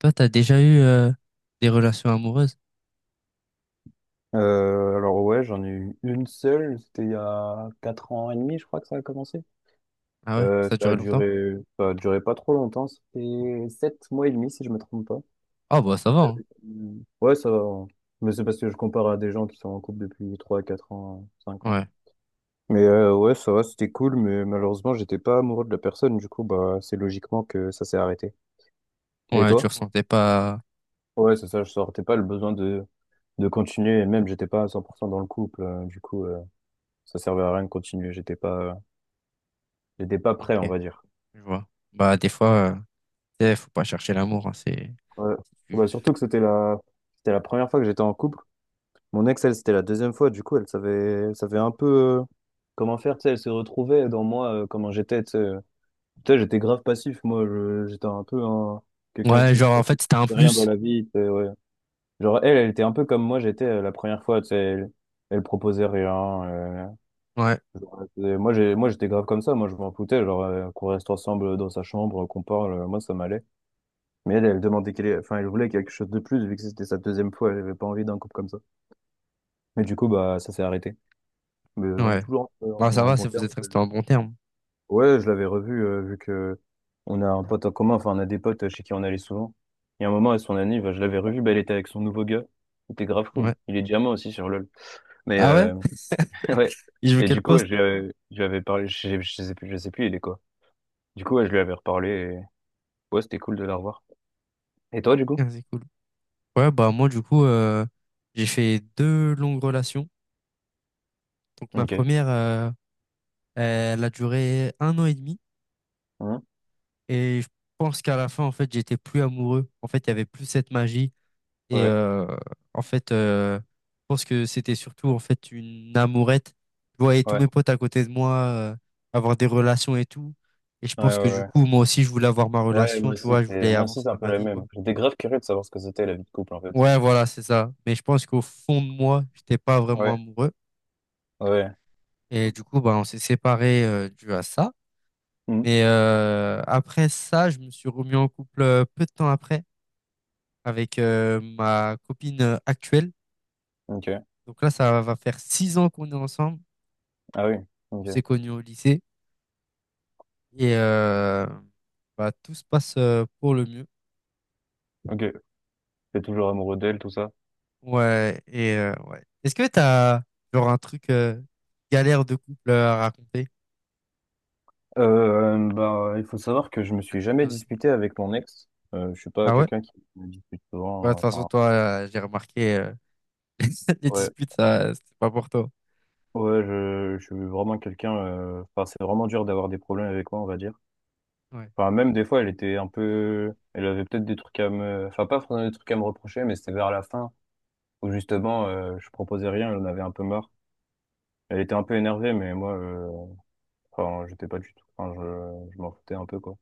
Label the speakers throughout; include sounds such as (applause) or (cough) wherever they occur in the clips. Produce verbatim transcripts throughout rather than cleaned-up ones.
Speaker 1: Toi, t'as déjà eu euh, des relations amoureuses?
Speaker 2: Euh, alors ouais, j'en ai eu une seule, c'était il y a quatre ans et demi, je crois que ça a commencé.
Speaker 1: Ah ouais?
Speaker 2: Euh,
Speaker 1: Ça a
Speaker 2: ça a
Speaker 1: duré longtemps?
Speaker 2: duré, ça a duré pas trop longtemps, c'était sept mois et demi si je me trompe pas.
Speaker 1: Ah bah ça va, hein.
Speaker 2: Euh, Ouais, ça va, hein. Mais c'est parce que je compare à des gens qui sont en couple depuis trois quatre ans, cinq ans.
Speaker 1: Ouais.
Speaker 2: Mais euh, ouais, ça va, c'était cool, mais malheureusement, j'étais pas amoureux de la personne, du coup, bah, c'est logiquement que ça s'est arrêté. Et
Speaker 1: Ouais, tu
Speaker 2: toi?
Speaker 1: ressentais pas.
Speaker 2: Ouais, c'est ça, je sortais pas le besoin de, de continuer, et même j'étais pas à cent pour cent dans le couple, euh, du coup, euh, ça servait à rien de continuer, j'étais pas, euh, j'étais pas prêt, on
Speaker 1: Ok,
Speaker 2: va dire.
Speaker 1: je vois. Bah des fois, euh, tu sais, faut pas chercher l'amour, hein, c'est.
Speaker 2: Ouais. Bah, surtout que c'était la... c'était la première fois que j'étais en couple. Mon ex, elle, c'était la deuxième fois. Du coup, elle savait, elle savait un peu euh, comment faire. Tu sais, elle se retrouvait dans moi, euh, comment j'étais. Tu sais, euh, Tu sais, j'étais grave passif. Moi, Je- j'étais un peu un- quelqu'un
Speaker 1: Ouais,
Speaker 2: qui
Speaker 1: genre en fait c'était un
Speaker 2: faisait rien dans
Speaker 1: plus.
Speaker 2: la vie, tu sais, ouais. Genre, elle, elle était un peu comme moi, j'étais euh, la première fois. Tu sais, elle... elle proposait rien. Euh,
Speaker 1: Ouais,
Speaker 2: genre, elle faisait- Moi, j'ai... moi, j'étais grave comme ça. Moi, je m'en foutais. Genre, euh, qu'on reste ensemble dans sa chambre, qu'on parle. euh, Moi, ça m'allait. Mais elle, elle demandait qu'elle, enfin, elle voulait quelque chose de plus, vu que c'était sa deuxième fois, elle avait pas envie d'un couple comme ça. Mais du coup, bah, ça s'est arrêté. Mais on est
Speaker 1: ouais.
Speaker 2: toujours en, en-
Speaker 1: Bah ça
Speaker 2: en
Speaker 1: va,
Speaker 2: bon
Speaker 1: si vous
Speaker 2: terme.
Speaker 1: êtes restés en bon terme.
Speaker 2: Ouais, je l'avais revue, euh, vu que on a un pote en commun, enfin, on a des potes chez qui on allait souvent. Il y a un moment, à son anniv, je l'avais revue, bah, elle était avec son nouveau gars. C'était grave cool.
Speaker 1: Ouais.
Speaker 2: Il est diamant aussi sur LoL. Mais,
Speaker 1: Ah ouais?
Speaker 2: euh, (laughs) ouais.
Speaker 1: (laughs) Il joue
Speaker 2: Et
Speaker 1: quel
Speaker 2: du coup, ouais,
Speaker 1: poste?
Speaker 2: je, lui avais je lui avais parlé, je, sais je sais plus, je sais plus, il est quoi. Du coup, ouais, je lui avais reparlé et, ouais, c'était cool de la revoir. Et toi, du coup?
Speaker 1: Ah, c'est cool. Ouais, bah moi du coup, euh, j'ai fait deux longues relations. Donc ma
Speaker 2: Ok.
Speaker 1: première, euh, elle a duré un an et demi.
Speaker 2: Hein.
Speaker 1: Et je pense qu'à la fin, en fait, j'étais plus amoureux. En fait, il y avait plus cette magie. Et
Speaker 2: Ouais,
Speaker 1: euh, en fait, euh, je pense que c'était surtout en fait une amourette. Je voyais tous
Speaker 2: ouais,
Speaker 1: mes potes à côté de moi euh, avoir des relations et tout. Et je
Speaker 2: ouais,
Speaker 1: pense que
Speaker 2: ouais,
Speaker 1: du
Speaker 2: ouais.
Speaker 1: coup, moi aussi, je voulais avoir ma
Speaker 2: Ouais, moi
Speaker 1: relation. Tu
Speaker 2: aussi,
Speaker 1: vois, je
Speaker 2: c'est
Speaker 1: voulais
Speaker 2: moi aussi,
Speaker 1: avancer
Speaker 2: c'est un
Speaker 1: dans
Speaker 2: peu
Speaker 1: ma
Speaker 2: la
Speaker 1: vie,
Speaker 2: même.
Speaker 1: quoi.
Speaker 2: J'étais grave curieux de savoir ce que c'était la vie de couple en fait.
Speaker 1: Ouais, voilà, c'est ça. Mais je pense qu'au fond de moi, j'étais pas vraiment
Speaker 2: Ouais,
Speaker 1: amoureux.
Speaker 2: ouais.
Speaker 1: Et du coup, bah, on s'est séparés euh, dû à ça.
Speaker 2: Mhm.
Speaker 1: Mais euh, après ça, je me suis remis en couple euh, peu de temps après avec euh, ma copine euh, actuelle.
Speaker 2: Ok.
Speaker 1: Donc là, ça va faire six ans qu'on est ensemble.
Speaker 2: Ah oui.
Speaker 1: On
Speaker 2: Ok.
Speaker 1: s'est connus au lycée et euh, bah, tout se passe euh, pour le mieux.
Speaker 2: Ok. T'es toujours amoureux d'elle, tout ça?
Speaker 1: Ouais, et euh, ouais. Est-ce que t'as genre un truc euh, galère de couple euh, à raconter?
Speaker 2: Euh, bah, il faut savoir que je me
Speaker 1: Une
Speaker 2: suis jamais
Speaker 1: anecdote.
Speaker 2: disputé avec mon ex. Euh, je suis pas
Speaker 1: Ah ouais?
Speaker 2: quelqu'un qui me dispute
Speaker 1: Ouais, de
Speaker 2: souvent.
Speaker 1: toute
Speaker 2: euh,
Speaker 1: façon,
Speaker 2: Enfin,
Speaker 1: toi, euh, j'ai remarqué euh, (laughs) les
Speaker 2: ouais,
Speaker 1: disputes, ça, c'était pas pour toi.
Speaker 2: ouais, je, je suis vraiment quelqu'un. euh, Enfin, c'est vraiment dur d'avoir des problèmes avec moi, on va dire.
Speaker 1: Ouais,
Speaker 2: Enfin, même des fois, elle était un peu. Elle avait peut-être des trucs à me. Enfin, pas forcément des trucs à me reprocher, mais c'était vers la fin où justement, euh, je proposais rien, elle en avait un peu marre. Elle était un peu énervée, mais moi, euh, enfin, j'étais pas du tout. Enfin, je, je m'en foutais un peu, quoi.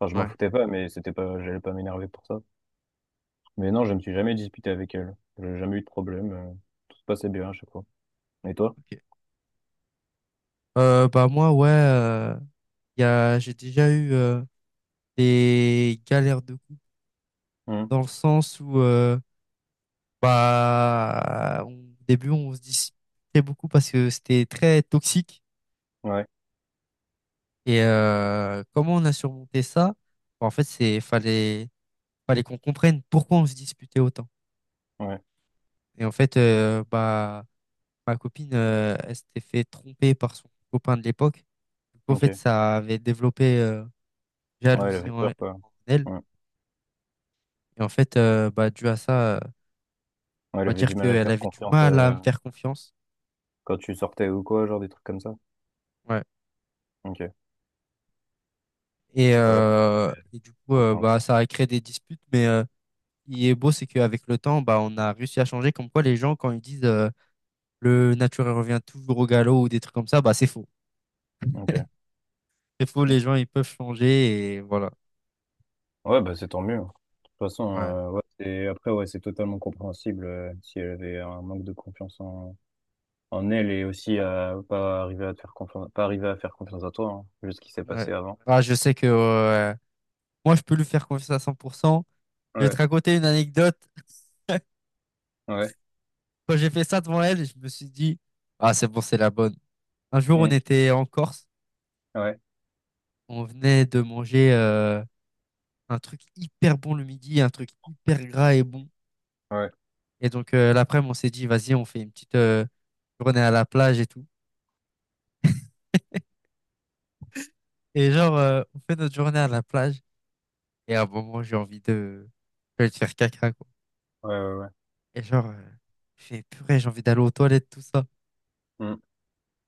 Speaker 2: Enfin, je m'en
Speaker 1: ouais,
Speaker 2: foutais pas, mais c'était pas, j'allais pas m'énerver pour ça. Mais non, je me suis jamais disputé avec elle. J'ai jamais eu de problème. euh, Tout se passait bien à chaque fois. Et toi?
Speaker 1: ok. Euh, bah moi, ouais, euh, y a, j'ai déjà eu euh, des galères de couple.
Speaker 2: Hum,
Speaker 1: Dans le sens où euh, bah on- au début on se disputait beaucoup parce que c'était très toxique
Speaker 2: Ouais,
Speaker 1: et euh, comment on a surmonté ça? Bah, en fait c'est fallait fallait qu'on comprenne pourquoi on se disputait autant
Speaker 2: ouais,
Speaker 1: et en fait euh, bah ma copine euh, elle s'était fait tromper par son copain de l'époque du coup en
Speaker 2: ok.
Speaker 1: fait ça avait développé euh,
Speaker 2: Ouais, elle
Speaker 1: jalousie
Speaker 2: avait
Speaker 1: en, en
Speaker 2: peur, quoi.
Speaker 1: elle
Speaker 2: Ouais.
Speaker 1: et en fait euh, bah dû à ça euh,
Speaker 2: Ouais, elle
Speaker 1: on va
Speaker 2: avait
Speaker 1: dire
Speaker 2: du mal à te
Speaker 1: qu'elle
Speaker 2: faire
Speaker 1: avait du
Speaker 2: confiance,
Speaker 1: mal à
Speaker 2: euh,
Speaker 1: me faire confiance.
Speaker 2: quand tu sortais ou quoi, genre des trucs comme ça.
Speaker 1: Ouais.
Speaker 2: Ok.
Speaker 1: Et,
Speaker 2: Ouais,
Speaker 1: euh, et du coup, euh, bah,
Speaker 2: compréhension.
Speaker 1: ça a créé des disputes, mais euh, il est beau, c'est qu'avec le temps, bah, on a réussi à changer. Comme quoi, les gens, quand ils disent euh, le naturel revient toujours au galop ou des trucs comme ça, bah, c'est faux.
Speaker 2: Ok.
Speaker 1: C'est faux, les gens, ils peuvent changer et voilà.
Speaker 2: Ouais, bah c'est tant mieux, hein. De toute façon,
Speaker 1: Ouais.
Speaker 2: euh, ouais, c'est- après, ouais, c'est totalement compréhensible, euh, si elle avait un manque de confiance en En elle est aussi, euh, pas arrivé à te faire confiance, pas arrivé à faire confiance à toi, hein, vu ce qui s'est
Speaker 1: Ouais.
Speaker 2: passé avant.
Speaker 1: Bah, je sais que euh, moi, je peux lui faire confiance à cent pour cent. Je vais te
Speaker 2: Ouais,
Speaker 1: raconter une anecdote.
Speaker 2: ouais,
Speaker 1: (laughs) Quand j'ai fait ça devant elle, je me suis dit, ah, c'est bon, c'est la bonne. Un jour, on
Speaker 2: mm,
Speaker 1: était en Corse,
Speaker 2: ouais,
Speaker 1: on venait de manger euh, un truc hyper bon le midi, un truc hyper gras et bon.
Speaker 2: ouais,
Speaker 1: Et donc, euh, l'après-midi, on s'est dit, vas-y, on fait une petite euh, journée à la plage et tout. Et genre, euh, on fait notre journée à la plage. Et à un moment, j'ai envie de, de faire caca, quoi.
Speaker 2: ouais, ouais, ouais,
Speaker 1: Et genre, euh, je fais, purée, j'ai envie d'aller aux toilettes, tout ça.
Speaker 2: mm,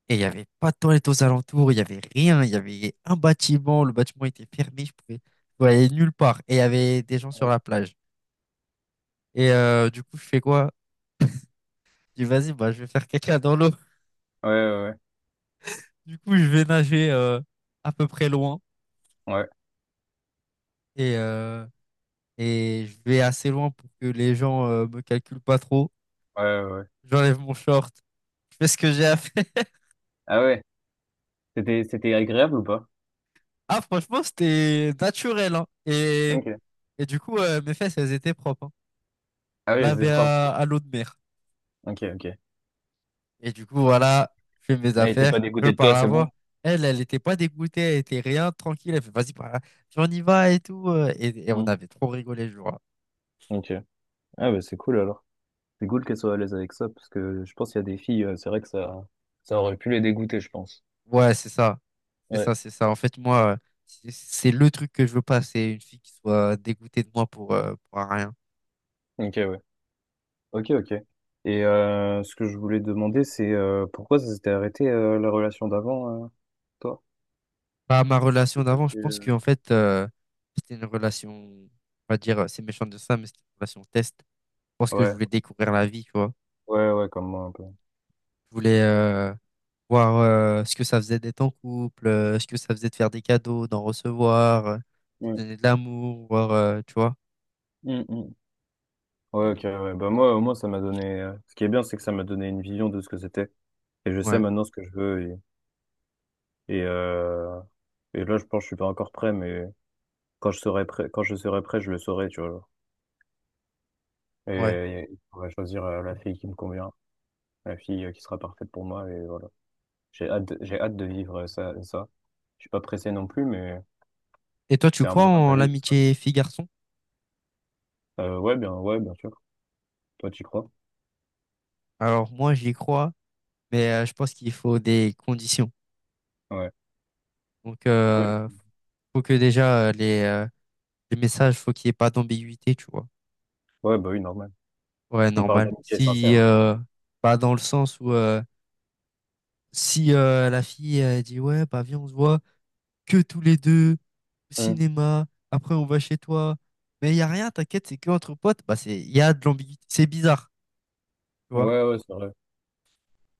Speaker 1: Et il n'y avait pas de toilettes aux alentours, il n'y avait rien. Il y avait un bâtiment, le bâtiment était fermé, je pouvais, je pouvais aller nulle part. Et il y avait des gens sur
Speaker 2: ouais,
Speaker 1: la plage. Et euh, du coup, je fais quoi? Je dis, vas-y, bah, je vais faire caca dans l'eau.
Speaker 2: ouais, ouais,
Speaker 1: Du coup, je vais nager euh, à peu près loin.
Speaker 2: ouais,
Speaker 1: Et, euh, et je vais assez loin pour que les gens euh, me calculent pas trop.
Speaker 2: ouais, ouais, ouais.
Speaker 1: J'enlève mon short, je fais ce que j'ai à faire. (laughs)
Speaker 2: Ah ouais, c'était, c'était agréable ou pas?
Speaker 1: Ah, franchement, c'était naturel, hein. Et,
Speaker 2: Ok.
Speaker 1: et du coup, euh, mes fesses, elles étaient propres, hein.
Speaker 2: Ah oui, c'est
Speaker 1: Lavées
Speaker 2: propre.
Speaker 1: à, à l'eau de mer.
Speaker 2: Ok, ok.
Speaker 1: Et du coup, voilà, je fais mes
Speaker 2: Elle était
Speaker 1: affaires,
Speaker 2: pas
Speaker 1: je
Speaker 2: dégoûtée de
Speaker 1: pars
Speaker 2: toi,
Speaker 1: la
Speaker 2: c'est bon?
Speaker 1: voir. Elle, elle était pas dégoûtée, elle était rien, tranquille. Elle fait, vas-y, par là, on y va et tout. euh, Et, et on
Speaker 2: Mm.
Speaker 1: avait trop rigolé le jour-là.
Speaker 2: Ok. Ah bah c'est cool alors. C'est cool qu'elle soit à l'aise avec ça, parce que je pense qu'il y a des filles, euh, c'est vrai que ça, ça aurait pu les dégoûter, je pense.
Speaker 1: Ouais, c'est ça. C'est
Speaker 2: Ouais.
Speaker 1: ça, c'est ça. En fait, moi, euh, c'est c'est le truc que je veux pas. C'est une fille qui soit dégoûtée de moi pour, euh, pour un rien.
Speaker 2: Ok, ouais. Ok, ok. Et euh, ce que je voulais demander, c'est euh, pourquoi ça s'était arrêté, euh, la relation d'avant, euh, toi?
Speaker 1: Bah, ma relation d'avant, je pense
Speaker 2: Euh,
Speaker 1: qu'en fait, euh, c'était une relation, on va dire, euh, c'est méchant de ça, mais c'était une relation test. Je pense que je
Speaker 2: Ouais,
Speaker 1: voulais découvrir la vie, tu vois.
Speaker 2: ouais, ouais, comme moi un peu,
Speaker 1: Je voulais euh, voir euh, ce que ça faisait d'être en couple, euh, ce que ça faisait de faire des cadeaux, d'en recevoir, euh, de
Speaker 2: ouais.
Speaker 1: donner de l'amour, voir, euh, tu vois.
Speaker 2: Mm, mm. Ouais, ok,
Speaker 1: Et,
Speaker 2: ouais. Bah moi, au moins, ça m'a donné. euh, Ce qui est bien, c'est que ça m'a donné une vision de ce que c'était. Et je sais
Speaker 1: ouais,
Speaker 2: maintenant ce que je veux. Et, et, euh, et là, je pense que je suis pas encore prêt, mais quand je serai prêt, quand je serai prêt, je le saurai, tu vois, genre. Et,
Speaker 1: ouais.
Speaker 2: et je pourrai choisir euh, la fille qui me convient, la fille, euh, qui sera parfaite pour moi. Et voilà. J'ai hâte de, j'ai hâte de vivre ça, ça. Je suis pas pressé non plus, mais
Speaker 1: Et toi, tu
Speaker 2: c'est un
Speaker 1: crois
Speaker 2: moment de
Speaker 1: en
Speaker 2: ma vie qui se
Speaker 1: l'amitié fille-garçon?
Speaker 2: Euh, ouais, bien, ouais, bien sûr. Toi, tu crois?
Speaker 1: Alors, moi, j'y crois, mais euh, je pense qu'il faut des conditions.
Speaker 2: Ouais.
Speaker 1: Donc,
Speaker 2: C'est quoi?
Speaker 1: euh, faut que déjà, euh, les, euh, les messages, faut qu'il n'y ait pas d'ambiguïté, tu vois.
Speaker 2: Ouais, bah oui, normal.
Speaker 1: Ouais,
Speaker 2: On parle
Speaker 1: normal.
Speaker 2: d'amitié
Speaker 1: Si,
Speaker 2: sincère, hein.
Speaker 1: euh, bah, dans le sens où euh, si euh, la fille elle dit ouais, bah viens, on se voit que tous les deux au
Speaker 2: Hum.
Speaker 1: cinéma, après on va chez toi, mais il y a rien, t'inquiète, c'est que entre potes, bah c'est il y a de l'ambiguïté, c'est bizarre, tu vois.
Speaker 2: Ouais, ouais, c'est vrai.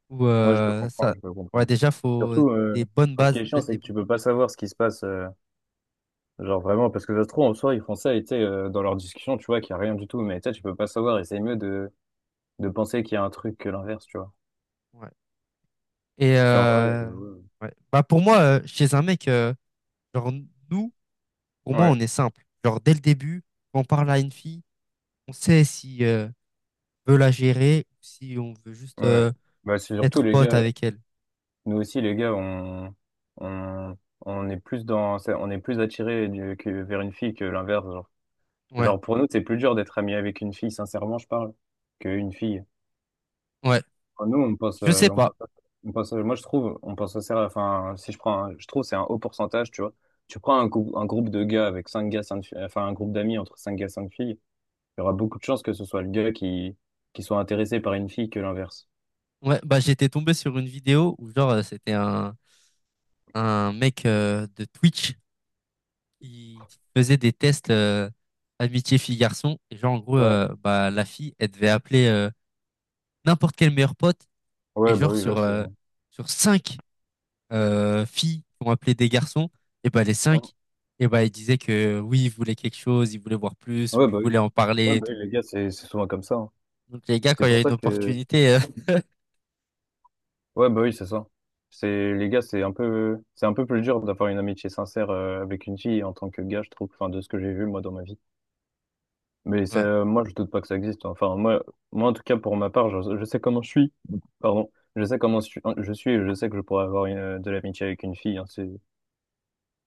Speaker 1: Ou
Speaker 2: Ouais, je peux
Speaker 1: euh,
Speaker 2: comprendre,
Speaker 1: ça,
Speaker 2: je peux
Speaker 1: ouais,
Speaker 2: comprendre.
Speaker 1: déjà faut
Speaker 2: Surtout, euh,
Speaker 1: des bonnes
Speaker 2: ce qui
Speaker 1: bases
Speaker 2: est
Speaker 1: dès
Speaker 2: chiant,
Speaker 1: le
Speaker 2: c'est que
Speaker 1: début.
Speaker 2: tu peux pas savoir ce qui se passe, euh, genre vraiment, parce que ça se trouve, en soi, ils font ça, et tu sais, euh, dans leur discussion, tu vois qu'il y a rien du tout, mais tu sais, tu peux pas savoir, et c'est mieux de, de penser qu'il y a un truc que l'inverse, tu vois.
Speaker 1: Ouais. Et
Speaker 2: Parce qu'en vrai,
Speaker 1: euh,
Speaker 2: euh,
Speaker 1: ouais. Bah pour moi, euh, chez un mec, euh, genre nous, pour moi, on
Speaker 2: ouais,
Speaker 1: est simple. Genre dès le début, quand on parle à une fille, on sait si euh, veut la gérer ou si on veut juste
Speaker 2: ouais, ouais.
Speaker 1: euh,
Speaker 2: Bah, c'est surtout
Speaker 1: être
Speaker 2: les
Speaker 1: pote
Speaker 2: gars.
Speaker 1: avec elle.
Speaker 2: Nous aussi, les gars, on, on, on est plus dans, ça- on est plus attiré du- que vers une fille que l'inverse. Genre.
Speaker 1: Ouais,
Speaker 2: Genre, pour nous, c'est plus dur d'être ami avec une fille, sincèrement, je parle, qu'une fille.
Speaker 1: ouais.
Speaker 2: Enfin, nous, on pense,
Speaker 1: Je
Speaker 2: euh,
Speaker 1: sais
Speaker 2: on pense,
Speaker 1: pas.
Speaker 2: on pense- moi, je trouve, on pense sincère, enfin, si je prends, un- je trouve, c'est un haut pourcentage, tu vois. Tu prends un, groupe- un groupe de gars avec cinq gars, cinq filles, enfin, un groupe d'amis entre cinq gars, cinq filles, il y aura beaucoup de chances que ce soit le gars qui, qui soit intéressé par une fille que l'inverse.
Speaker 1: Ouais, bah j'étais tombé sur une vidéo où genre euh, c'était un, un mec euh, de Twitch qui faisait des tests euh, amitié fille-garçon. Et genre en gros,
Speaker 2: Ouais.
Speaker 1: euh, bah la fille, elle devait appeler euh, n'importe quel meilleur pote. Et
Speaker 2: Ouais, bah
Speaker 1: genre
Speaker 2: oui, là,
Speaker 1: sur,
Speaker 2: c'est.
Speaker 1: euh, sur cinq euh, filles qui ont appelé des garçons, et bah les cinq, et bah ils disaient que oui, ils voulaient quelque chose, ils voulaient voir plus,
Speaker 2: Ouais,
Speaker 1: ou ils
Speaker 2: bah oui.
Speaker 1: voulaient en
Speaker 2: Ouais,
Speaker 1: parler et
Speaker 2: bah oui,
Speaker 1: tout.
Speaker 2: les gars, c'est c'est souvent comme ça, hein.
Speaker 1: Donc les gars,
Speaker 2: C'est
Speaker 1: quand il y
Speaker 2: pour
Speaker 1: a une
Speaker 2: ça que,
Speaker 1: opportunité, euh, (laughs)
Speaker 2: ouais, bah oui, c'est ça. C'est les gars, c'est un peu c'est un peu plus dur d'avoir une amitié sincère, euh, avec une fille en tant que gars, je trouve, enfin de ce que j'ai vu moi dans ma vie. Mais
Speaker 1: ouais.
Speaker 2: ça, moi, je doute pas que ça existe, hein. Enfin, moi moi en tout cas, pour ma part, je, je sais comment je suis. Pardon. Je sais comment je suis, hein, je suis, et je sais que je pourrais avoir une, euh, de l'amitié avec une fille, hein. C'est,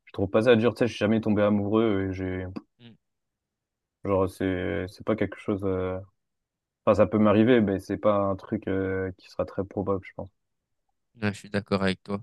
Speaker 2: je trouve pas ça dur, tu sais, je suis jamais tombé amoureux, et j'ai
Speaker 1: Mm.
Speaker 2: genre, c'est c'est pas quelque chose, euh, enfin, ça peut m'arriver, mais c'est pas un truc, euh, qui sera très probable, je pense.
Speaker 1: Ouais, je suis d'accord avec toi.